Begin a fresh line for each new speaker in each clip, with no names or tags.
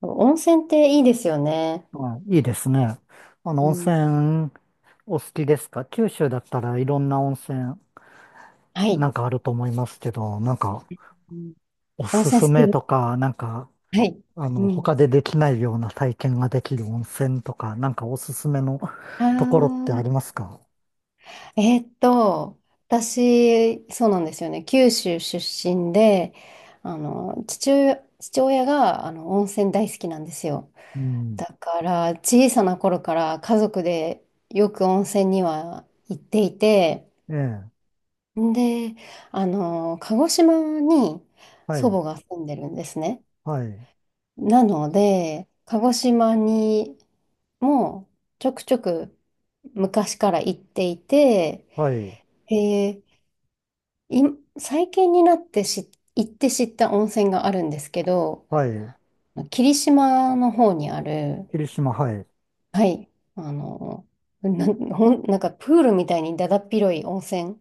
温泉っていいですよね。
はい、いいですね。
う
温
ん、
泉お好きですか？九州だったらいろんな温泉
は
な
い。
んかあると思いますけど、なんか
うん
お
温
す
泉
す
好き
め
で
と
す。
か、なんか
はい。
あ
う
の、
ん。
他でできないような体験ができる温泉とか、なんかおすすめのところってあり
あ
ますか？
あ、私、そうなんですよね。九州出身で、父親が、温泉大好きなんですよ。
うん。
だから、小さな頃から家族でよく温泉には行っていて、
ええ。
で、鹿児島に
は
祖
い。
母が住んでるんですね。
はい。
なので、鹿児島にもちょくちょく昔から行っていて、
はい。
で、い最近になって行って知った温泉があるんですけど、
はい。
霧島の方にある、
霧島、はい。
はい、あの、な、なんかプールみたいにだだっ広い温泉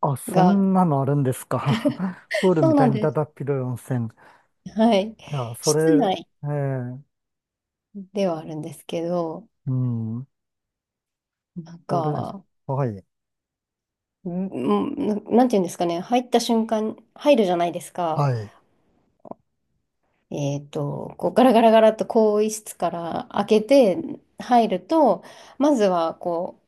あ、そ
が、
んなのあるんですか？プー ル
そ
み
う
た
な
い
ん
に
で
だ
す。
だっ広い温泉。い
はい。
や、そ
室
れ、
内
ええ、
ではあるんですけど、
うん。
なん
それ、
か、
はい、
うんなんていうんですかね、入った瞬間、入るじゃないですか。
はい、
えっと、こうガラガラガラっと更衣室から開けて入ると、まずはこ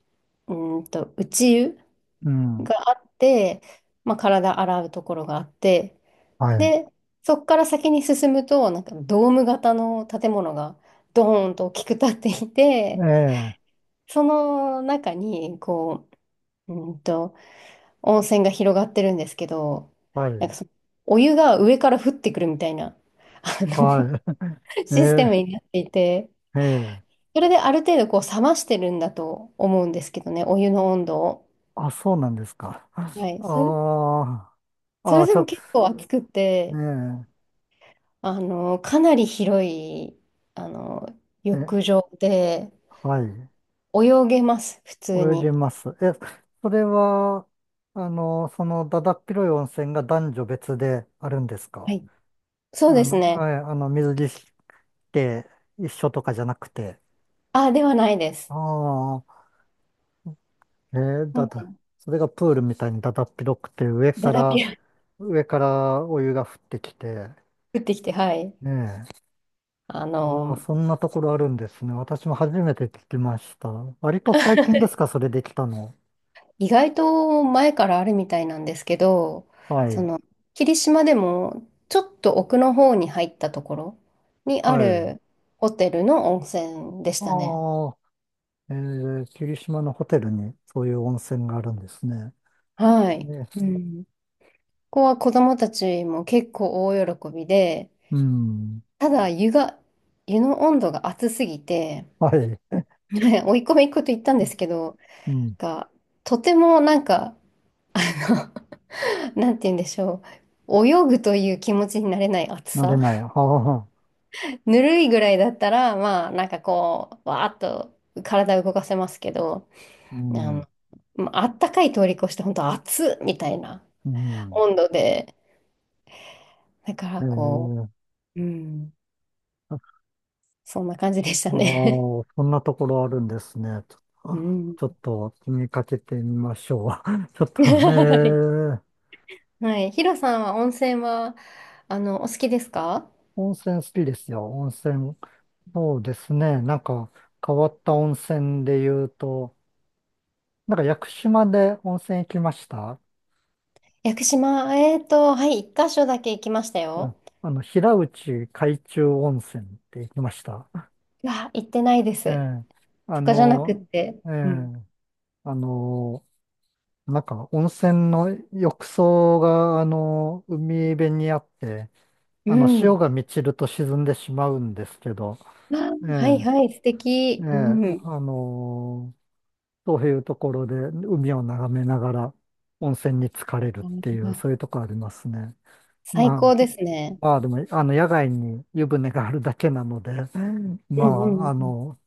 う、内湯
うん、
があって、まあ、体洗うところがあって、
はい、
で、そこから先に進むと、なんかドーム型の建物がドーンと大きく建ってい
え
て、
え、
その中に、こう、温泉が広がってるんですけど、
は
なん
い、
かそのお湯が上から降ってくるみたいな、あの、
は い、え
システム
え、
になっていて、
ええ、
それである程度こう冷ましてるんだと思うんですけどね、お湯の温度を。
あ、そうなんですか？
はい。それ、
あ
そ
あ、
れ
あ、
で
ちょ
も
っと、
結構暑くて、
ね
かなり広い、あの、
え、え、
浴場で
はい、
泳げます、普通
泳げ
に。
ます。え、それは、だだっ広い温泉が男女別であるんです
は
か？
い。そうですね。
はい、水着着て一緒とかじゃなくて。
あ、ではないです。
ああ、ええ、
も
それがプールみたいにだだっ広くて上
だ
か
らぴ
ら、
ら
上からお湯が降ってきて、
降ってきて、はい。
ねえ。
あ
ああ、
の、
そんなところあるんですね。私も初めて聞きました。割と最近で すか、それできたの？
意外と前からあるみたいなんですけど、
は
そ
い。
の、霧島でもちょっと奥の方に入ったところにあ
はい。
るホテルの温泉でしたね。
ああ、え霧島のホテルにそういう温泉があるんですね。
はい。
ね
うん。ここは子供たちも結構大喜びで、
うん。
ただ湯が、湯の温度が熱すぎて、
はい。
ね追い込み行くと言ったんですけど、
うん。
が、とてもなんか、あなんて言うんでしょう。泳ぐという気持ちになれない暑
慣れ
さ。
ない。はあ、
ぬるいぐらいだったら、まあ、なんかこう、わーっと体を動かせますけど、
う
あ
ん。
の、まああったかい通り越して、本当暑っみたいな
うん。
温度で、だか
え
らこ
ー
う、うん、そんな感じでした
ああ、
ね。
そんなところあるんですね。ょ、
うん。
ちょっと気にかけてみましょう。ちょっと、
はい。
ー、
はい。ヒロさんは温泉は、お好きですか？
温泉好きですよ。温泉。そうですね。なんか変わった温泉で言うと、なんか屋久島で温泉行きました。
屋久島、はい、一箇所だけ行きました
う
よ。
ん。あの、平内海中温泉って行きました。
いや、行ってないで
え
す。
えあ
そこじゃなくっ
の、
て。
え
うん。
えあの、なんか温泉の浴槽が、あの、海辺にあって、
う
あの、潮
ん。
が満ちると沈んでしまうんですけど、
あ、
え
はい
え、
はい、素
え
敵。
え、
うん。
あのーそういうところで海を眺めながら温泉に浸かれるってい
あ
う、そういうとこありますね。
最高
まあ、
ですね。
まあでも、あの、野外に湯船があるだけなので、
う
ま
んう
あ、
ん
あ
うん。
の、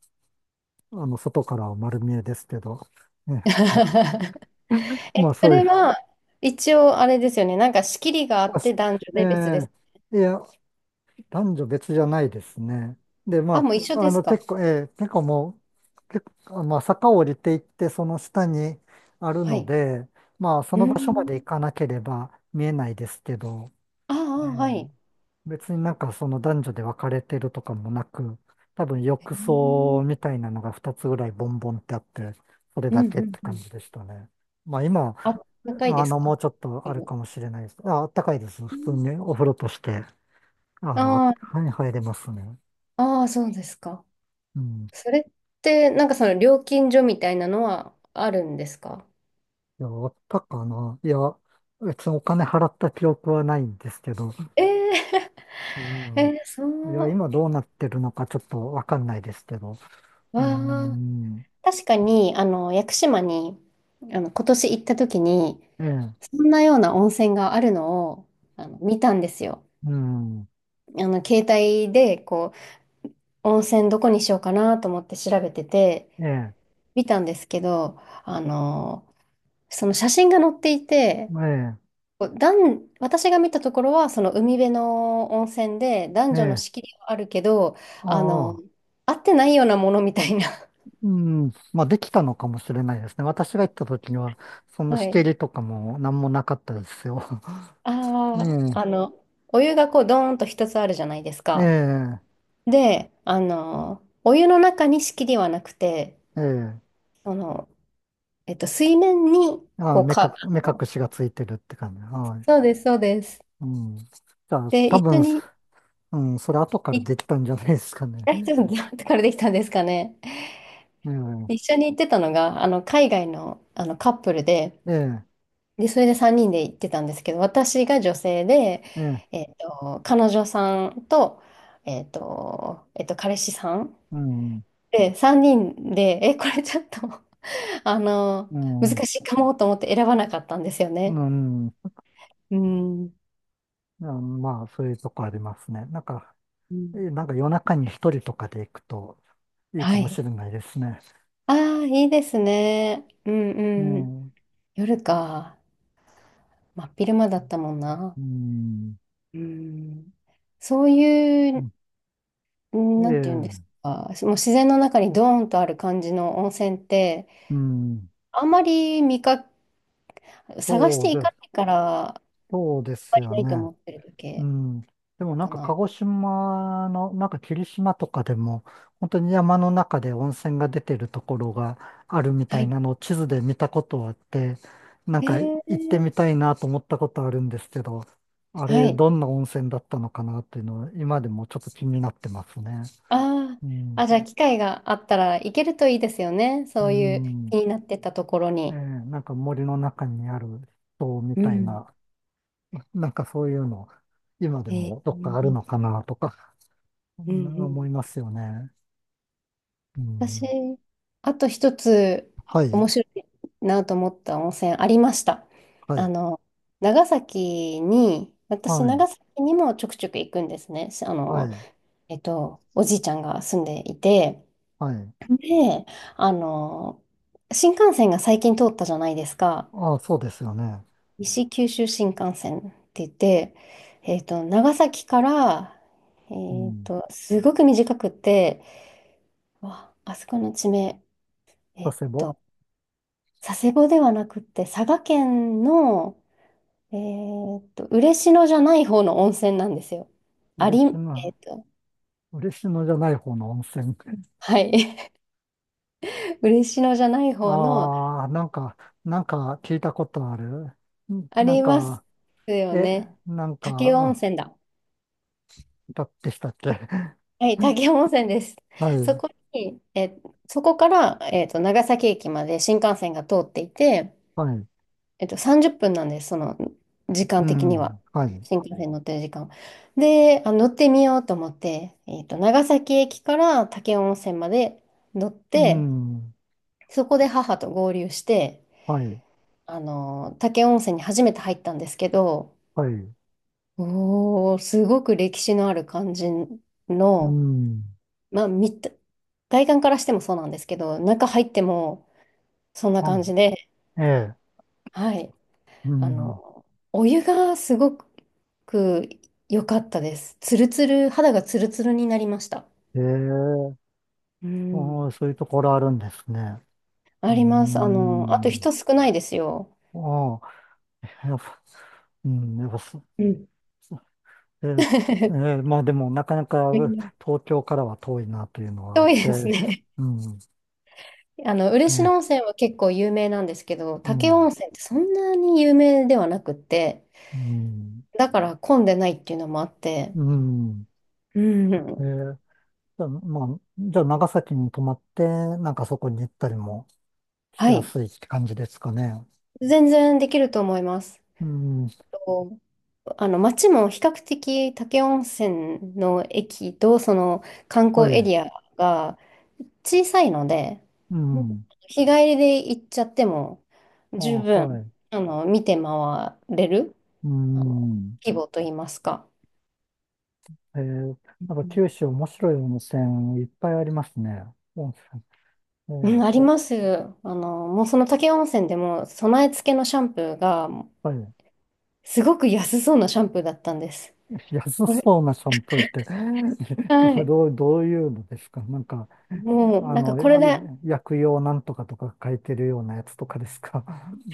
あの、外からは丸見えですけど、ね、
え、
まあ
そ
そうい
れ
う、
は一応あれですよね。なんか仕切りがあ
あ
っ
し
て男女
え
で別です。
え、いや、男女別じゃないですね。で、
あ、
ま
もう一緒
あ、あ
です
の、結
か？
構、えー結構もう、結構、まあ、坂を降りていって、その下にある
は
の
い。
で、まあ、そ
うー
の場所まで行
ん。
かなければ見えないですけど、
あ
え
あ、はい。へ
ー別になんかその男女で分かれてるとかもなく、多分浴槽
ー
みたいなのが2つぐらいボンボンってあって、それ
う
だ
んう
けっ
ん
て
う
感
ん。
じでしたね。まあ、今、
あ、高い
あ
です
の、もう
か？
ちょっとあるかもしれないです。あ、あったかいです。普通にお風呂として。あの、
あ
はい、入れますね。
あ、ああ、そうですか。
うん。い
それって、なんかその料金所みたいなのはあるんですか？
や、あったかな。いや、別にお金払った記憶はないんですけど、
えー、
う ん。
えーそ
いや、
う。
今どうなってるのかちょっとわかんないですけど。う
わ
ん。
確かに、屋久島に、今年行った時に、
ええ、
そんなような温泉があるのを、見たんですよ。
うん。
携帯で、こう、温泉どこにしようかなと思って調べてて、
ええ、
見たんですけど、あの、その写真が載っていて、
ええ、
こう男私が見たところは、その海辺の温泉で、男
え
女の
え、
仕切りはあるけど、
あ
あの、
あ。
合ってないようなものみたいな。
うん。まあ、できたのかもしれないですね。私が行った時には、そ んな
は
仕切
い。
りとかも何もなかったですよ。え
あ
え、
あ、お湯がこう、ドーンと一つあるじゃないです
え
か。
え、
で、お湯の中に仕切りはなくて、
ええ。
その、水面に、
ああ、
こう、
目隠しがついてるって感じ。はい
そうです、そうです。
うん。じゃあ、
で、
多
一緒
分、
に
うん、それ後から
行っ
できたんじゃないですかね。
た人、どうやってからできたんですかね。
ええ、
一緒に行ってたのが、海外の、カップルで、
ええ、
で、それで3人で行ってたんですけど、私が女性で、
ええ、
彼女さんと、彼氏さん
うん、
で、3人で、え、これちょっと
う
難
ん、
しいかもと思って選ばなかったんですよ
う
ね。
ん、う
うん。
んまあ、そういうとこありますね。なんか、
うん
なんか夜中に一人とかで行くといい
は
かも
い。
しれないですね。
ああ、いいですね。うん
ええ、
うん。
う
夜か。真っ昼間だったもんな。
ん、
うん。そういう、
え
んなんていうんです
え、
か。もう自然の中にドーンとある感じの温泉って、
うん、
あんまり見か、探し
そう
てい
で
か
す、
ないから、あん
そうです
まり
よ
ないと
ね。
思ってるだ
う
け
ん。で
な
も
の
なん
か
か鹿
な。
児島の、なんか霧島とかでも、本当に山の中で温泉が出てるところがあるみた
は
い
い。
なのを地図で見たことあって、なん
え
か行ってみ
ー、
たいなと思ったことあるんですけど、あ
は
れ
い。
どんな温泉だったのかなっていうのは今でもちょっと気になってますね。
あ
う
あ、あ、
ん。
じゃあ機会があったら行けるといいですよね。
う
そういう
ん。
気になってたところ
ええ
に。
なんか森の中にある塔み
う
たい
ん。
な、なんかそういうの、今で
え
もどっかあるの
ー
かなとか、そ
うん
んな
うん。
思いますよね。う
私、
ん、
あと一つ
はい、
面白いなと思った温泉ありました。
は
あ
い、
の、長崎に、私、
はい、
長崎にもちょくちょく行くんですね。
はい、
おじいちゃんが住んでいて、
はい。
で、あの、新幹線が最近通ったじゃないですか。
ああ、そうですよね。
西九州新幹線って言って、長崎から、
うん。
すごく短くて、わあそこの地名、
佐
えっ
世保、
と、佐世保ではなくて、佐賀県の、え嬉野じゃない方の温泉なんですよ。
嬉
あり、えっ
野、
と、
嬉野じゃない方の温泉。
はい、嬉野じゃない 方の、
ああ、なんか、なんか聞いたことある。ん
あ
なん
ります
か、
よ
え、
ね。
なんか、
武雄
う
温
ん
泉だ。
だってしたっけ？
はい、滝 山温泉です。
は
そ
い、
こに、え、そこから、長崎駅まで新幹線が通っていて、
はい、
30分なんです、その時間
う
的には。
ん、はい、
新幹線に乗ってる時間。で、あ、乗ってみようと思って、長崎駅から滝山温泉まで乗っ
う
て、
ん、
そこで母と合流して、
はい、
滝山温泉に初めて入ったんですけど、
はい、
おー、すごく歴史のある感じ
う
の、
ん、
まあ、見た、外観からしてもそうなんですけど、中入ってもそんな
う
感じ
ん、
で、
ええ、
はい。
う
あ
ん、
の、お湯がすごく良かったです。ツルツル、肌がツルツルになりました。
ええ、
う
お
ん。
ーそういうところあるんですね。う
あ
ー
ります。あと人
ん。
少ないですよ。
ああ、やっぱ、うん、やっぱそ、
うん。
えーすえー まあでも、なかなか東京からは遠いなというのはあ
遠
っ
い
て、
ですね。
うん、
嬉野
ね、
温泉は結構有名なんですけど、
う
武雄温
ん、
泉ってそんなに有名ではなくって、
うん、
だから混んでないっていうのもあって、
うん。
う
え
ん。
ーじゃあ、まあ、じゃあ長崎に泊まって、なんかそこに行ったりもし
は
や
い。
すいって感じですかね？
全然できると思います。
うん、
と街も比較的武雄温泉の駅とその観
は
光エ
い、
リアが小さいので、
うん、
日帰りで行っちゃっても
あ、
十分、
はい、
見て回れる、
う
あの、
ん。
規模といいますか。
えー、なんか九州面白い温泉いっぱいありますね。うんええ、や
うん、あり
っ
ます。もうその武雄温泉でも備え付けのシャンプーが
ぱりね
すごく安そうなシャンプーだったんです。
安
これ、
そうなシャンプーって？
はい。
どういうのですかなんか、
もう
あ
なんか
の、
これで
薬用なんとかとか書いてるようなやつとかですか？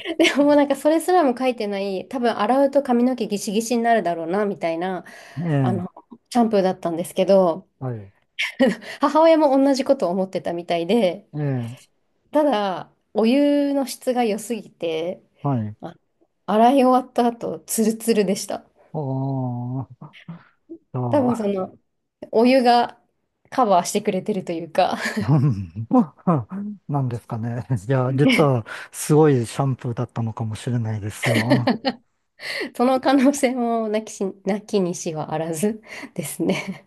もうなんかそれすらも書いてない、多分洗うと髪の毛ギシギシになるだろうな、みたいな、
え
あ
え、
の、シャンプーだったんですけど、
はい。
母親も同じことを思ってたみたいで、
ええ、
ただ、お湯の質が良すぎて、
はい。
あ洗い終わった後、ツルツルでした。
おー、じゃ
多分そ
あ、
の、お湯がカバーしてくれてるというか、
うんなんですかね。いや、実はすごいシャンプーだったのかもしれないですよ。
その可能性もなきし、なきにしはあらずですね。